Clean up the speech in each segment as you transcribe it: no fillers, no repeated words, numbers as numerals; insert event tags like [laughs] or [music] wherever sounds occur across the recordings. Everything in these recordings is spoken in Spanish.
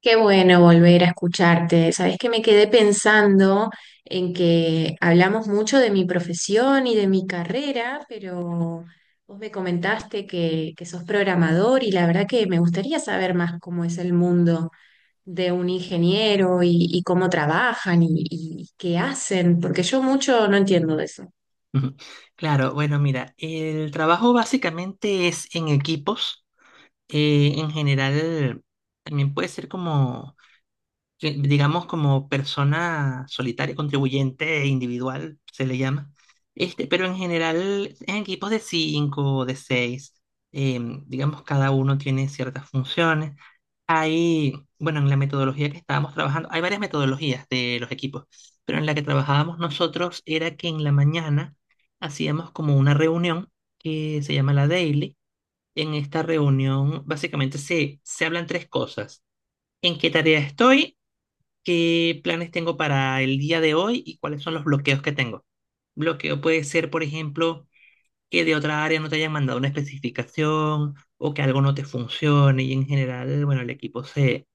Qué bueno volver a escucharte. Sabes que me quedé pensando en que hablamos mucho de mi profesión y de mi carrera, pero vos me comentaste que sos programador y la verdad que me gustaría saber más cómo es el mundo de un ingeniero y cómo trabajan y qué hacen, porque yo mucho no entiendo de eso. Ujú. Claro, bueno, mira, el trabajo básicamente es en equipos. En general, también puede ser como que digamos, como persona solitaria, contribuyente e individual, se le llama. Este, pero en general, en equipos de cinco, de seis, digamos, cada uno tiene ciertas funciones. Hay, bueno, en la metodología que estábamos trabajando, hay varias metodologías de los equipos, pero en la que trabajábamos nosotros era que en la mañana hacíamos como una reunión que se llama la daily. En esta reunión básicamente se hablan tres cosas. ¿En qué tarea estoy? ¿Qué planes tengo para el día de hoy y cuáles son los bloqueos que tengo? Bloqueo puede ser, por ejemplo, que de otra área no te hayan mandado una especificación o que algo no te funcione y, en general, bueno, el equipo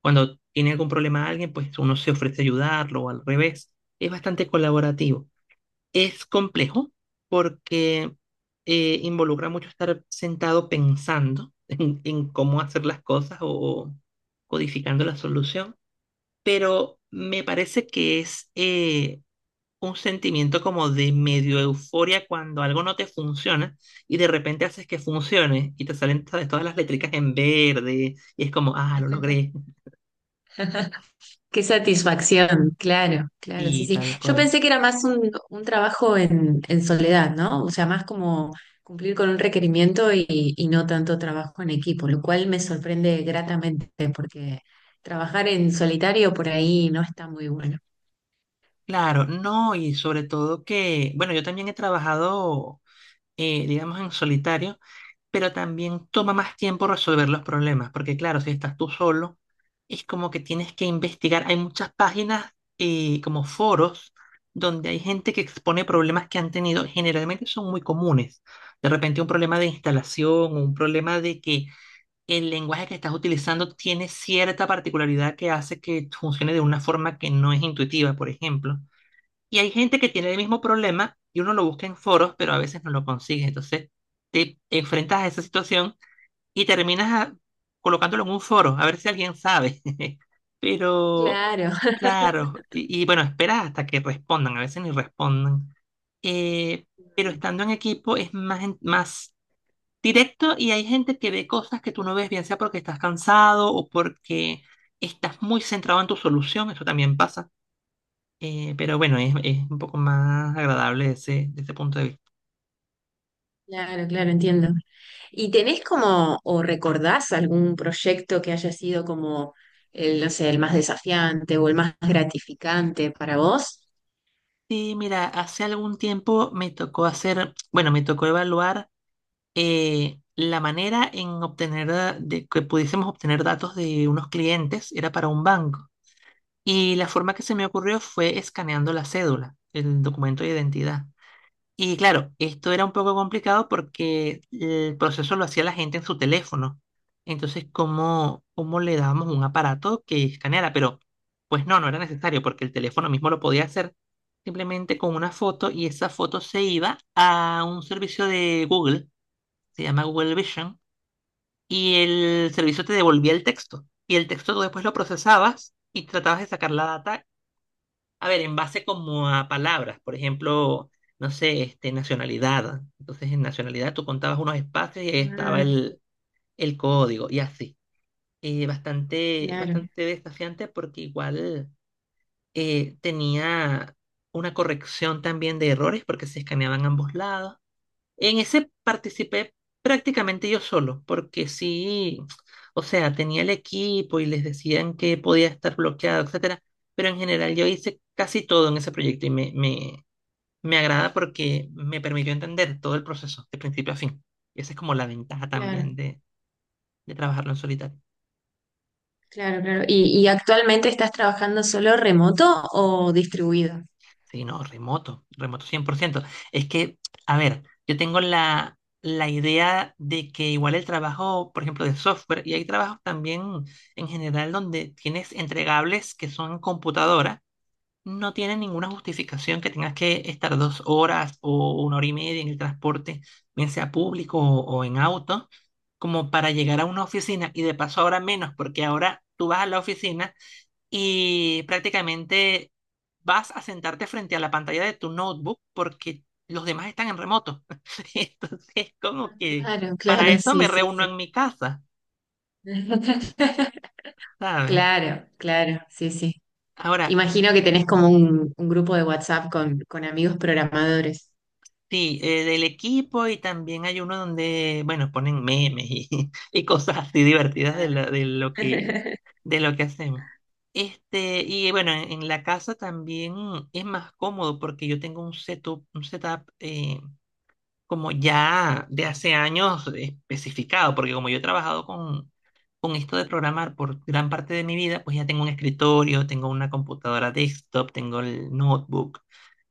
cuando tiene algún problema a alguien, pues uno se ofrece a ayudarlo o al revés. Es bastante colaborativo. Es complejo porque involucra mucho estar sentado pensando en cómo hacer las cosas o codificando la solución, pero me parece que es un sentimiento como de medio euforia cuando algo no te funciona y de repente haces que funcione y te salen, ¿sabes?, todas las letricas en verde y es como, ah, lo logré. [laughs] Qué satisfacción, claro, claro, sí, Y sí. tal Yo cual. pensé que era más un trabajo en soledad, ¿no? O sea, más como cumplir con un requerimiento y no tanto trabajo en equipo, lo cual me sorprende gratamente porque trabajar en solitario por ahí no está muy bueno. Claro, no, y sobre todo que, bueno, yo también he trabajado, digamos, en solitario, pero también toma más tiempo resolver los problemas, porque claro, si estás tú solo, es como que tienes que investigar. Hay muchas páginas como foros donde hay gente que expone problemas que han tenido, generalmente son muy comunes. De repente un problema de instalación, un problema de que el lenguaje que estás utilizando tiene cierta particularidad que hace que funcione de una forma que no es intuitiva, por ejemplo. Y hay gente que tiene el mismo problema y uno lo busca en foros, pero a veces no lo consigue. Entonces te enfrentas a esa situación y terminas colocándolo en un foro, a ver si alguien sabe. [laughs] Pero, Claro, [laughs] claro, y bueno, esperas hasta que respondan, a veces ni responden. Eh, pero Mm, estando en equipo es más, más directo, y hay gente que ve cosas que tú no ves, bien sea porque estás cansado o porque estás muy centrado en tu solución, eso también pasa, pero bueno, es un poco más agradable ese, desde ese punto de vista. claro, claro, entiendo. ¿Y tenés como, o recordás algún proyecto que haya sido como, el, no sé, el más desafiante o el más gratificante para vos? Sí, mira, hace algún tiempo me tocó hacer, bueno, me tocó evaluar la manera en obtener, de que pudiésemos obtener datos de unos clientes, era para un banco. Y la forma que se me ocurrió fue escaneando la cédula, el documento de identidad. Y claro, esto era un poco complicado porque el proceso lo hacía la gente en su teléfono. Entonces, ¿cómo, cómo le dábamos un aparato que escaneara? Pero, pues no, no era necesario porque el teléfono mismo lo podía hacer simplemente con una foto, y esa foto se iba a un servicio de Google, se llama Google Vision, y el servicio te devolvía el texto. Y el texto tú después lo procesabas y tratabas de sacar la data, a ver, en base como a palabras, por ejemplo, no sé, este, nacionalidad. Entonces, en nacionalidad tú contabas unos espacios y ahí estaba Ah, el código y así. Bastante, claro, bastante desafiante porque igual tenía una corrección también de errores porque se escaneaban ambos lados. En ese participé prácticamente yo solo, porque sí, o sea, tenía el equipo y les decían que podía estar bloqueado, etcétera, pero en general yo hice casi todo en ese proyecto y me agrada porque me permitió entender todo el proceso de principio a fin. Y esa es como la ventaja claro, también de trabajarlo en solitario. claro, claro. ¿Y actualmente estás trabajando solo remoto o distribuido? Sí, no, remoto, remoto 100%. Es que, a ver, yo tengo la idea de que igual el trabajo, por ejemplo, de software, y hay trabajos también en general donde tienes entregables que son en computadora, no tiene ninguna justificación que tengas que estar 2 horas o 1 hora y media en el transporte, bien sea público o en auto, como para llegar a una oficina, y de paso ahora menos, porque ahora tú vas a la oficina y prácticamente vas a sentarte frente a la pantalla de tu notebook porque los demás están en remoto. [laughs] Entonces, como Ah, que claro, para claro, eso sí, me sí, reúno sí. en mi casa, [laughs] ¿sabes? Claro, claro, sí, sí. Ahora, Imagino que tenés como un grupo de WhatsApp con amigos programadores. sí, del equipo, y también hay uno donde, bueno, ponen memes y, [laughs] y cosas así divertidas de, Claro. [laughs] De lo que hacemos. Este, y bueno, en la casa también es más cómodo porque yo tengo un setup como ya de hace años especificado, porque como yo he trabajado con esto de programar por gran parte de mi vida, pues ya tengo un escritorio, tengo una computadora desktop, tengo el notebook,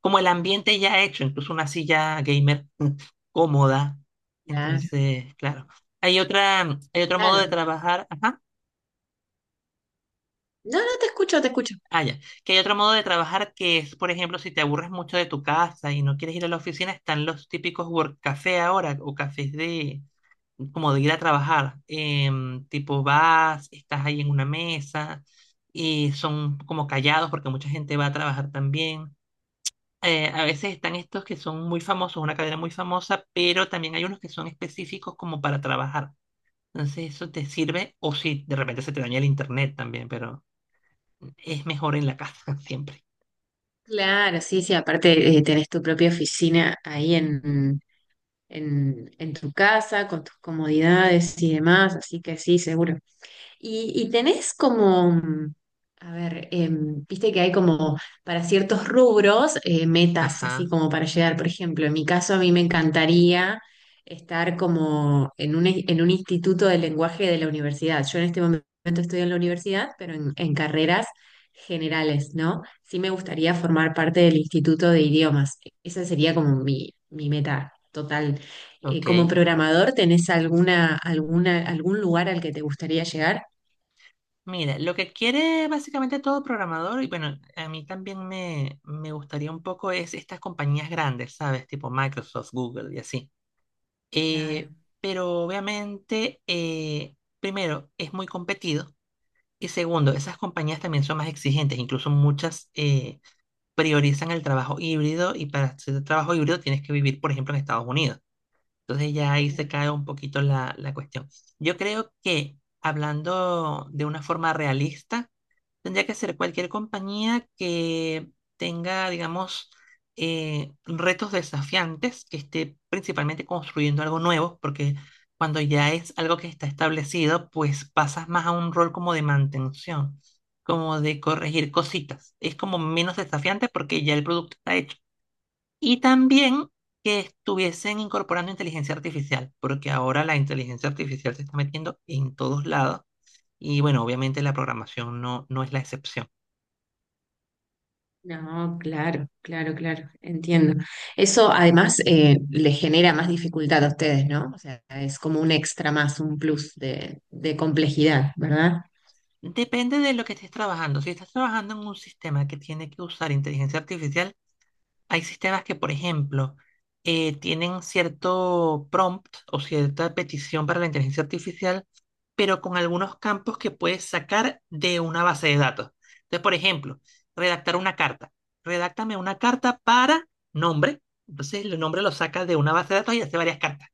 como el ambiente ya hecho, incluso una silla gamer [laughs] cómoda. Claro, Entonces, claro, hay otra, hay otro modo de claro. trabajar, ajá, No, no, te escucho, te escucho. ah, ya, que hay otro modo de trabajar que es, por ejemplo, si te aburres mucho de tu casa y no quieres ir a la oficina, están los típicos work café ahora, o cafés de como de ir a trabajar. Tipo, vas, estás ahí en una mesa, y son como callados porque mucha gente va a trabajar también. A veces están estos que son muy famosos, una cadena muy famosa, pero también hay unos que son específicos como para trabajar. Entonces eso te sirve, o si de repente se te daña el internet también, pero es mejor en la casa [laughs] siempre. Claro, sí, sí. Aparte, tenés tu propia oficina ahí en, en tu casa, con tus comodidades y demás, así que sí, seguro. Y tenés como, a ver, viste que hay como para ciertos rubros metas así Ajá, como para llegar. Por ejemplo, en mi caso a mí me encantaría estar como en un, en un instituto de lenguaje de la universidad. Yo en este momento estoy en la universidad, pero en carreras generales, ¿no? Sí me gustaría formar parte del instituto de idiomas. Esa sería como mi meta total. Como ok. programador, ¿tenés alguna, alguna, algún lugar al que te gustaría llegar? Mira, lo que quiere básicamente todo programador, y bueno, a mí también me gustaría un poco es estas compañías grandes, ¿sabes? Tipo Microsoft, Google y así. Claro, Eh, pero obviamente, primero, es muy competido, y segundo, esas compañías también son más exigentes, incluso muchas priorizan el trabajo híbrido, y para hacer trabajo híbrido tienes que vivir, por ejemplo, en Estados Unidos. Entonces ya ahí se claro. cae un poquito la, la cuestión. Yo creo que, hablando de una forma realista, tendría que ser cualquier compañía que tenga, digamos, retos desafiantes, que esté principalmente construyendo algo nuevo, porque cuando ya es algo que está establecido, pues pasas más a un rol como de mantención, como de corregir cositas. Es como menos desafiante porque ya el producto está hecho. Y también que estuviesen incorporando inteligencia artificial, porque ahora la inteligencia artificial se está metiendo en todos lados. Y bueno, obviamente la programación no, no es la excepción. No, claro, claro, claro, entiendo. Eso además le genera más dificultad a ustedes, ¿no? O sea, es como un extra más, un plus de complejidad, ¿verdad? Depende de lo que estés trabajando. Si estás trabajando en un sistema que tiene que usar inteligencia artificial, hay sistemas que, por ejemplo, tienen cierto prompt o cierta petición para la inteligencia artificial, pero con algunos campos que puedes sacar de una base de datos. Entonces, por ejemplo, redactar una carta. Redáctame una carta para nombre. Entonces, el nombre lo saca de una base de datos y hace varias cartas.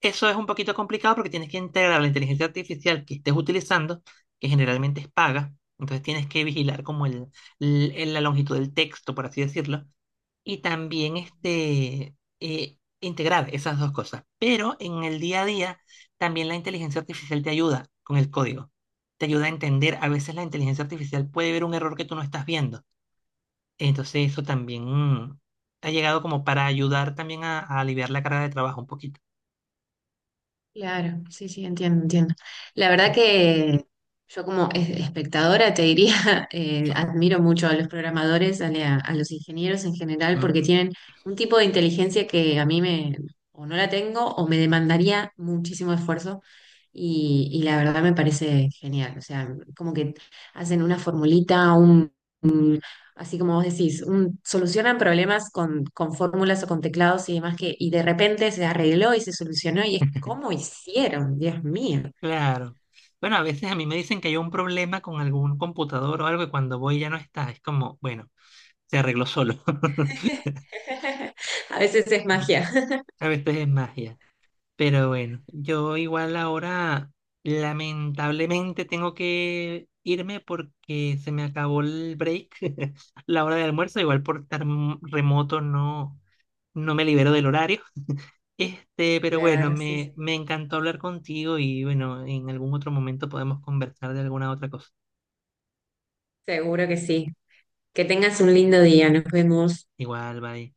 Eso es un poquito complicado porque tienes que integrar la inteligencia artificial que estés utilizando, que generalmente es paga. Entonces tienes que vigilar como el, la longitud del texto, por así decirlo, y también este, integrar esas dos cosas. Pero en el día a día también la inteligencia artificial te ayuda con el código. Te ayuda a entender. A veces la inteligencia artificial puede ver un error que tú no estás viendo. Entonces eso también ha llegado como para ayudar también a aliviar la carga de trabajo un poquito. Claro, sí, sí, entiendo, entiendo. La verdad Mm, que yo como espectadora te diría, [laughs] admiro mucho a los programadores, a, a los ingenieros en general, mm. porque tienen un tipo de inteligencia que a mí me, o no la tengo, o me demandaría muchísimo esfuerzo, y la verdad me parece genial. O sea, como que hacen una formulita, así como vos decís, solucionan problemas con fórmulas o con teclados y demás que, y de repente se arregló y se solucionó y es [laughs] como hicieron, Dios mío. Claro. Bueno, a veces a mí me dicen que hay un problema con algún computador o algo, y cuando voy ya no está. Es como, bueno, se arregló solo. [laughs] A veces es [laughs] magia. [laughs] A veces es magia. Pero bueno, yo igual ahora lamentablemente tengo que irme porque se me acabó el break, [laughs] la hora de almuerzo. Igual por estar remoto no, no me libero del horario. Este, pero bueno, Claro, sí, sí. me encantó hablar contigo, y bueno, en algún otro momento podemos conversar de alguna otra cosa. Seguro que sí. Que tengas un lindo día, nos vemos. Igual, bye.